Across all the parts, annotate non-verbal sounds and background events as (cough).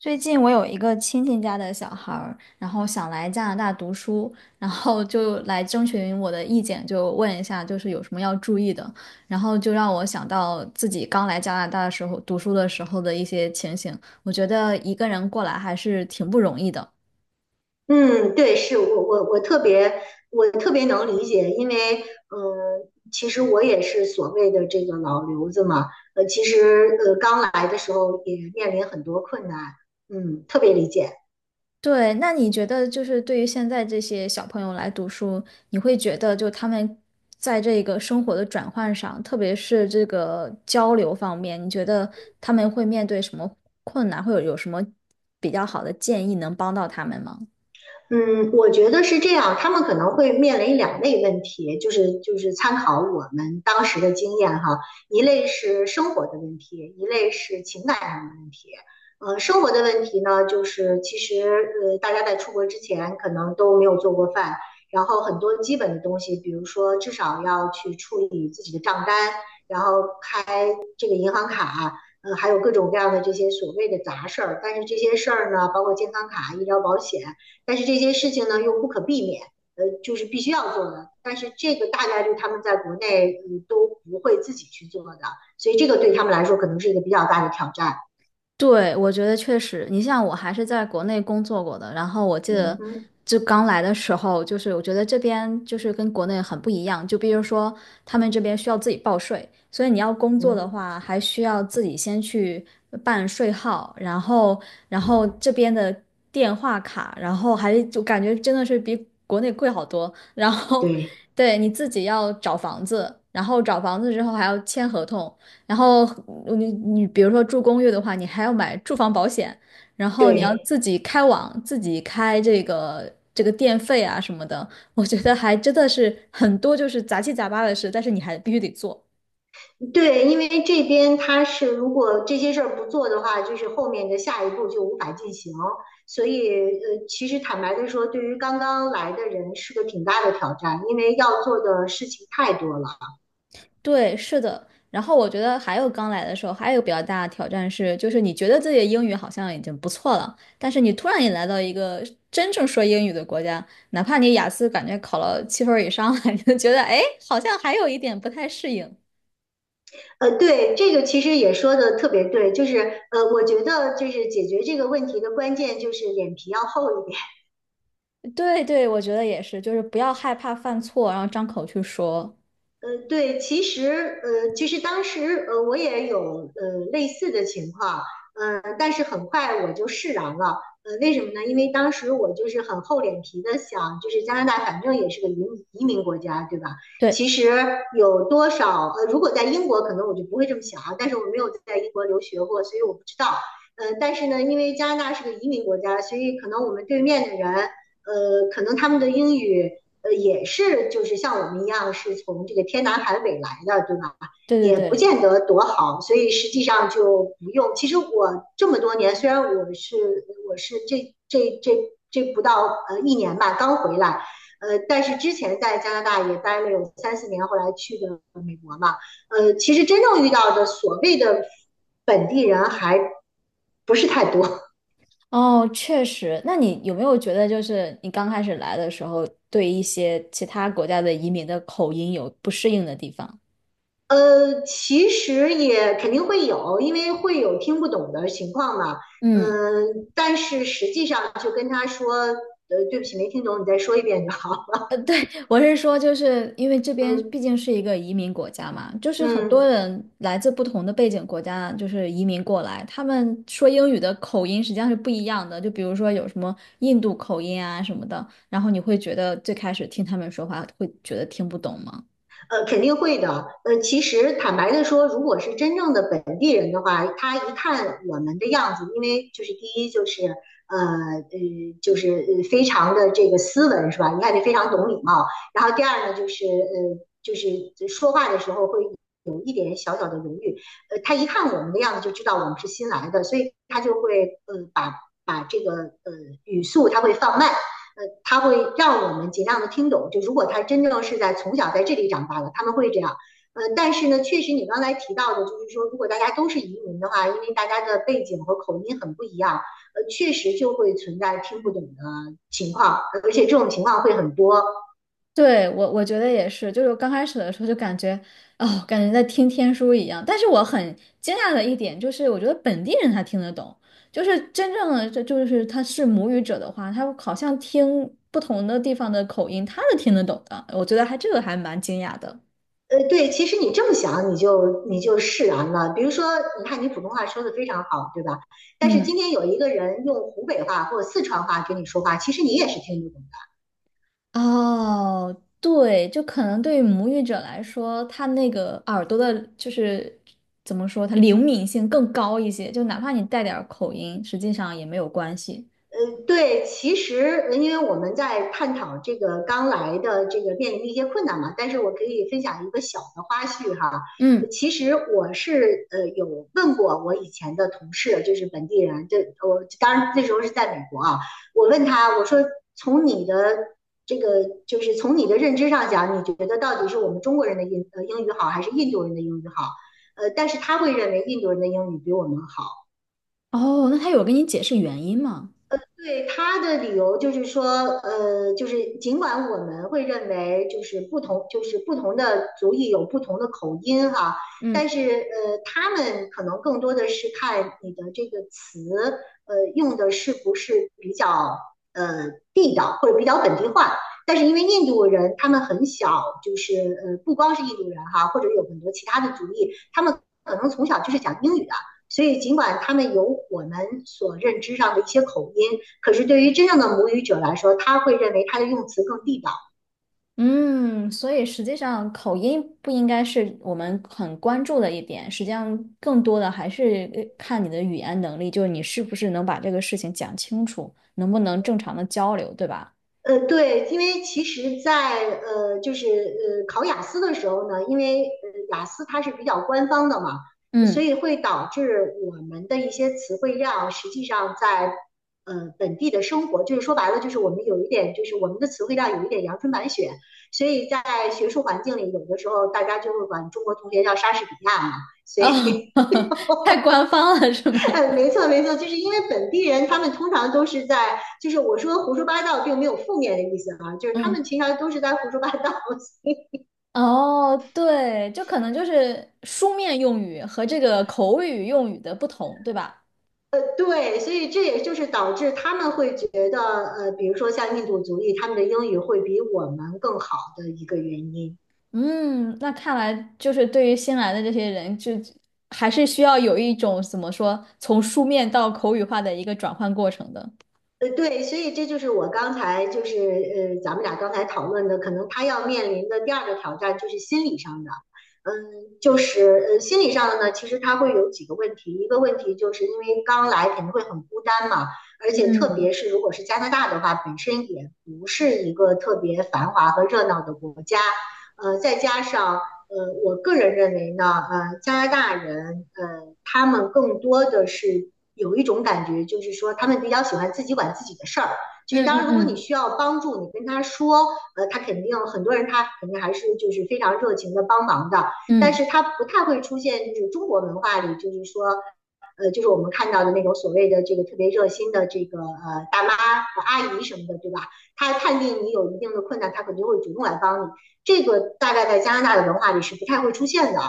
最近我有一个亲戚家的小孩儿，然后想来加拿大读书，然后就来征询我的意见，就问一下就是有什么要注意的，然后就让我想到自己刚来加拿大的时候读书的时候的一些情形，我觉得一个人过来还是挺不容易的。嗯，对，是我特别特别能理解，因为其实我也是所谓的这个老留子嘛，其实刚来的时候也面临很多困难，嗯，特别理解。对，那你觉得就是对于现在这些小朋友来读书，你会觉得就他们在这个生活的转换上，特别是这个交流方面，你觉得他们会面对什么困难，或者有什么比较好的建议能帮到他们吗？嗯，我觉得是这样，他们可能会面临两类问题，就是参考我们当时的经验哈，一类是生活的问题，一类是情感上的问题。生活的问题呢，就是其实大家在出国之前可能都没有做过饭，然后很多基本的东西，比如说至少要去处理自己的账单，然后这个银行卡，还有各种各样的这些所谓的杂事儿。但是这些事儿呢，包括健康卡、医疗保险，但是这些事情呢又不可避免，就是必须要做的。但是这个大概率他们在国内都不会自己去做的，所以这个对他们来说可能是一个比较大的挑战。对，我觉得确实，你像我还是在国内工作过的，然后我记嗯得哼。就刚来的时候，就是我觉得这边就是跟国内很不一样，就比如说他们这边需要自己报税，所以你要工嗯作的哼。话，还需要自己先去办税号，然后这边的电话卡，然后还就感觉真的是比国内贵好多，然后对对你自己要找房子，然后找房子之后还要签合同。然后你比如说住公寓的话，你还要买住房保险，然后你要对。自己开网，自己开这个电费啊什么的，我觉得还真的是很多就是杂七杂八的事，但是你还必须得做。对，因为这边他是如果这些事儿不做的话，就是后面的下一步就无法进行，所以其实坦白的说，对于刚刚来的人是个挺大的挑战，因为要做的事情太多了。对，是的。然后我觉得还有刚来的时候，还有比较大的挑战是，就是你觉得自己的英语好像已经不错了，但是你突然也来到一个真正说英语的国家，哪怕你雅思感觉考了7分儿以上了，你就觉得哎，好像还有一点不太适应。对，这个其实也说的特别对，就是我觉得就是解决这个问题的关键就是脸皮要厚一点。对对，我觉得也是，就是不要害怕犯错，然后张口去说。对，其实，其实当时，我也有，类似的情况，但是很快我就释然了，为什么呢？因为当时我就是很厚脸皮的想，就是加拿大反正也是个移民国家，对吧？其对实有多少，如果在英国，可能我就不会这么想啊，但是我没有在英国留学过，所以我不知道，但是呢，因为加拿大是个移民国家，所以可能我们对面的人，可能他们的英语。也是就是像我们一样是从这个天南海北来的，对吧？对对也不对，见得多好，所以实际上就不用。其实我这么多年，虽然我是我是这这这这不到一年吧，刚回来，但是之前在加拿大也待了有三四年，后来去的美国嘛，其实真正遇到的所谓的本地人还不是太多。哦，确实。那你有没有觉得，就是你刚开始来的时候，对一些其他国家的移民的口音有不适应的地方？其实也肯定会有，因为会有听不懂的情况嘛。嗯。嗯，但是实际上就跟他说，对不起，没听懂，你再说一遍就好。我是说，就是因为这边毕嗯竟是一个移民国家嘛，就是很多嗯。人来自不同的背景国家，就是移民过来，他们说英语的口音实际上是不一样的。就比如说有什么印度口音啊什么的，然后你会觉得最开始听他们说话会觉得听不懂吗？肯定会的。其实坦白的说，如果是真正的本地人的话，他一看我们的样子，因为就是第一就是呃呃，就是非常的这个斯文是吧？你看你非常懂礼貌。然后第二呢，就是说话的时候会有一点小小的犹豫。他一看我们的样子就知道我们是新来的，所以他就会把这个语速他会放慢。他会让我们尽量的听懂。就如果他真正是在从小在这里长大的，他们会这样。但是呢，确实你刚才提到的，就是说，如果大家都是移民的话，因为大家的背景和口音很不一样，确实就会存在听不懂的情况，而且这种情况会很多。对，我觉得也是，就是刚开始的时候就感觉，哦，感觉在听天书一样。但是我很惊讶的一点就是，我觉得本地人他听得懂，就是真正的这就是他是母语者的话，他好像听不同的地方的口音，他是听得懂的。我觉得还这个还蛮惊讶的。对，其实你这么想，你就释然了。比如说，你看你普通话说的非常好，对吧？但是今嗯，天有一个人用湖北话或者四川话跟你说话，其实你也是听不懂。哦，对，就可能对于母语者来说，他那个耳朵的，就是怎么说，他灵敏性更高一些，就哪怕你带点儿口音，实际上也没有关系。对，其实因为我们在探讨这个刚来的这个面临的一些困难嘛，但是我可以分享一个小的花絮哈。嗯。其实我是有问过我以前的同事，就是本地人，这我当然那时候是在美国啊，我问他，我说从你的这个就是从你的认知上讲，你觉得到底是我们中国人的英语好，还是印度人的英语好？但是他会认为印度人的英语比我们好。哦，那他有跟你解释原因吗？对他的理由就是说，就是尽管我们会认为就是不同，就是不同的族裔有不同的口音哈，但嗯是他们可能更多的是看你的这个词，用的是不是比较地道或者比较本地化。但是因为印度人他们很小，就是不光是印度人哈，或者有很多其他的族裔，他们可能从小就是讲英语的。所以，尽管他们有我们所认知上的一些口音，可是对于真正的母语者来说，他会认为他的用词更地道。嗯，所以实际上口音不应该是我们很关注的一点，实际上更多的还是看你的语言能力，就是你是不是能把这个事情讲清楚，能不能正常的交流，对吧？对，因为其实在，就是考雅思的时候呢，因为雅思它是比较官方的嘛，所嗯，以会导致我们的一些词汇量，实际上在本地的生活，就是说白了，就是我们有一点，就是我们的词汇量有一点阳春白雪，所以在学术环境里，有的时候大家就会管中国同学叫莎士比亚嘛，所哦，以 (laughs) 太官方了是吗？嗯，没错没错，就是因为本地人他们通常都是在，就是我说胡说八道并没有负面的意思啊，就是他们嗯，平常都是在胡说八道。哦，对，就可能就是书面用语和这个口语用语的不同，对吧？对，所以这也就是导致他们会觉得，比如说像印度族裔，他们的英语会比我们更好的一个原因。嗯，那看来就是对于新来的这些人，就还是需要有一种怎么说，从书面到口语化的一个转换过程的。对，所以这就是我刚才咱们俩刚才讨论的，可能他要面临的第二个挑战就是心理上的，嗯，心理上的呢，其实他会有几个问题，一个问题就是因为刚来肯定会很孤单嘛，而且特嗯别是如果是加拿大的话，本身也不是一个特别繁华和热闹的国家，再加上我个人认为呢，加拿大人，他们更多的是有一种感觉，就是说他们比较喜欢自己管自己的事儿。就是嗯当然，嗯如果你嗯需要帮助，你跟他说，他肯定很多人他肯定还是就是非常热情的帮忙的，但嗯是他不太会出现就是中国文化里就是说。就是我们看到的那种所谓的这个特别热心的这个大妈、阿姨什么的，对吧？他判定你有一定的困难，他肯定会主动来帮你。这个大概在加拿大的文化里是不太会出现的。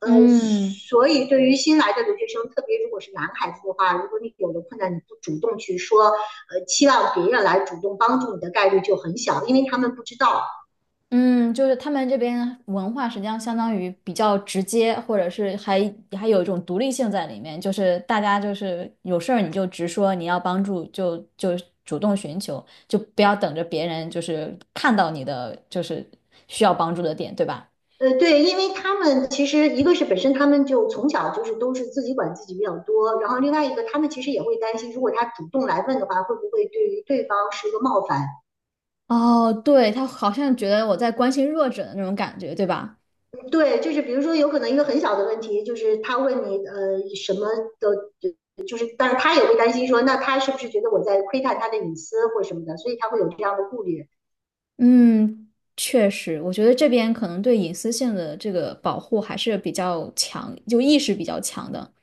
呃，嗯，所以对于新来的留学生，特别如果是男孩子的话，如果你有了困难，你不主动去说，期望别人来主动帮助你的概率就很小，因为他们不知道。嗯，就是他们这边文化实际上相当于比较直接，或者是还有一种独立性在里面，就是大家就是有事儿你就直说，你要帮助就主动寻求，就不要等着别人就是看到你的就是需要帮助的点，对吧？对，因为他们其实一个是本身他们就从小就是都是自己管自己比较多，然后另外一个他们其实也会担心，如果他主动来问的话，会不会对于对方是一个冒犯？哦，对，他好像觉得我在关心弱者的那种感觉，对吧？对，就是比如说，有可能一个很小的问题，就是他问你什么的，就是，但是他也会担心说，那他是不是觉得我在窥探他的隐私或什么的，所以他会有这样的顾虑。嗯，确实，我觉得这边可能对隐私性的这个保护还是比较强，就意识比较强的。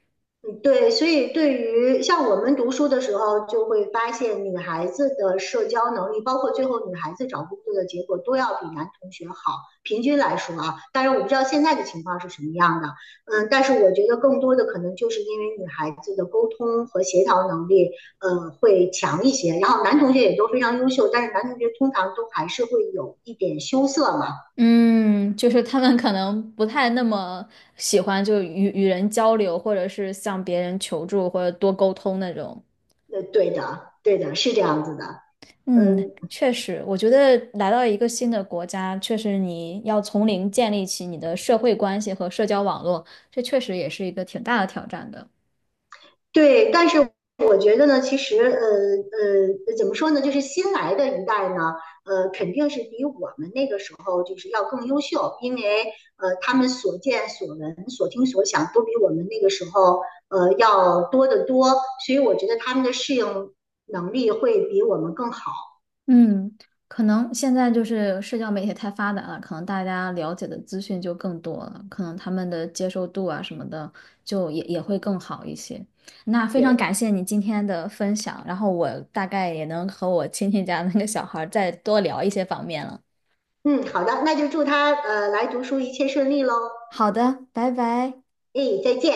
嗯对，所以对于像我们读书的时候，就会发现女孩子的社交能力，包括最后女孩子找工作的结果，都要比男同学好。平均来说啊，当然我不知道现在的情况是什么样的，嗯，但是我觉得更多的可能就是因为女孩子的沟通和协调能力，会强一些。然后男同学也都非常优秀，但是男同学通常都还是会有一点羞涩嘛。嗯，就是他们可能不太那么喜欢就与人交流，或者是向别人求助，或者多沟通那种。对的，对的，是这样子的。嗯，嗯，确实，我觉得来到一个新的国家，确实你要从零建立起你的社会关系和社交网络，这确实也是一个挺大的挑战的。对，但是我觉得呢，其实怎么说呢，就是新来的一代呢，肯定是比我们那个时候就是要更优秀，因为他们所见所闻、所听所想都比我们那个时候要多得多，所以我觉得他们的适应能力会比我们更好。嗯，可能现在就是社交媒体太发达了，可能大家了解的资讯就更多了，可能他们的接受度啊什么的，就也会更好一些。那非常对，感谢你今天的分享，然后我大概也能和我亲戚家那个小孩儿再多聊一些方面了。嗯，好的，那就祝他来读书一切顺利喽。好的，拜拜。哎，再见。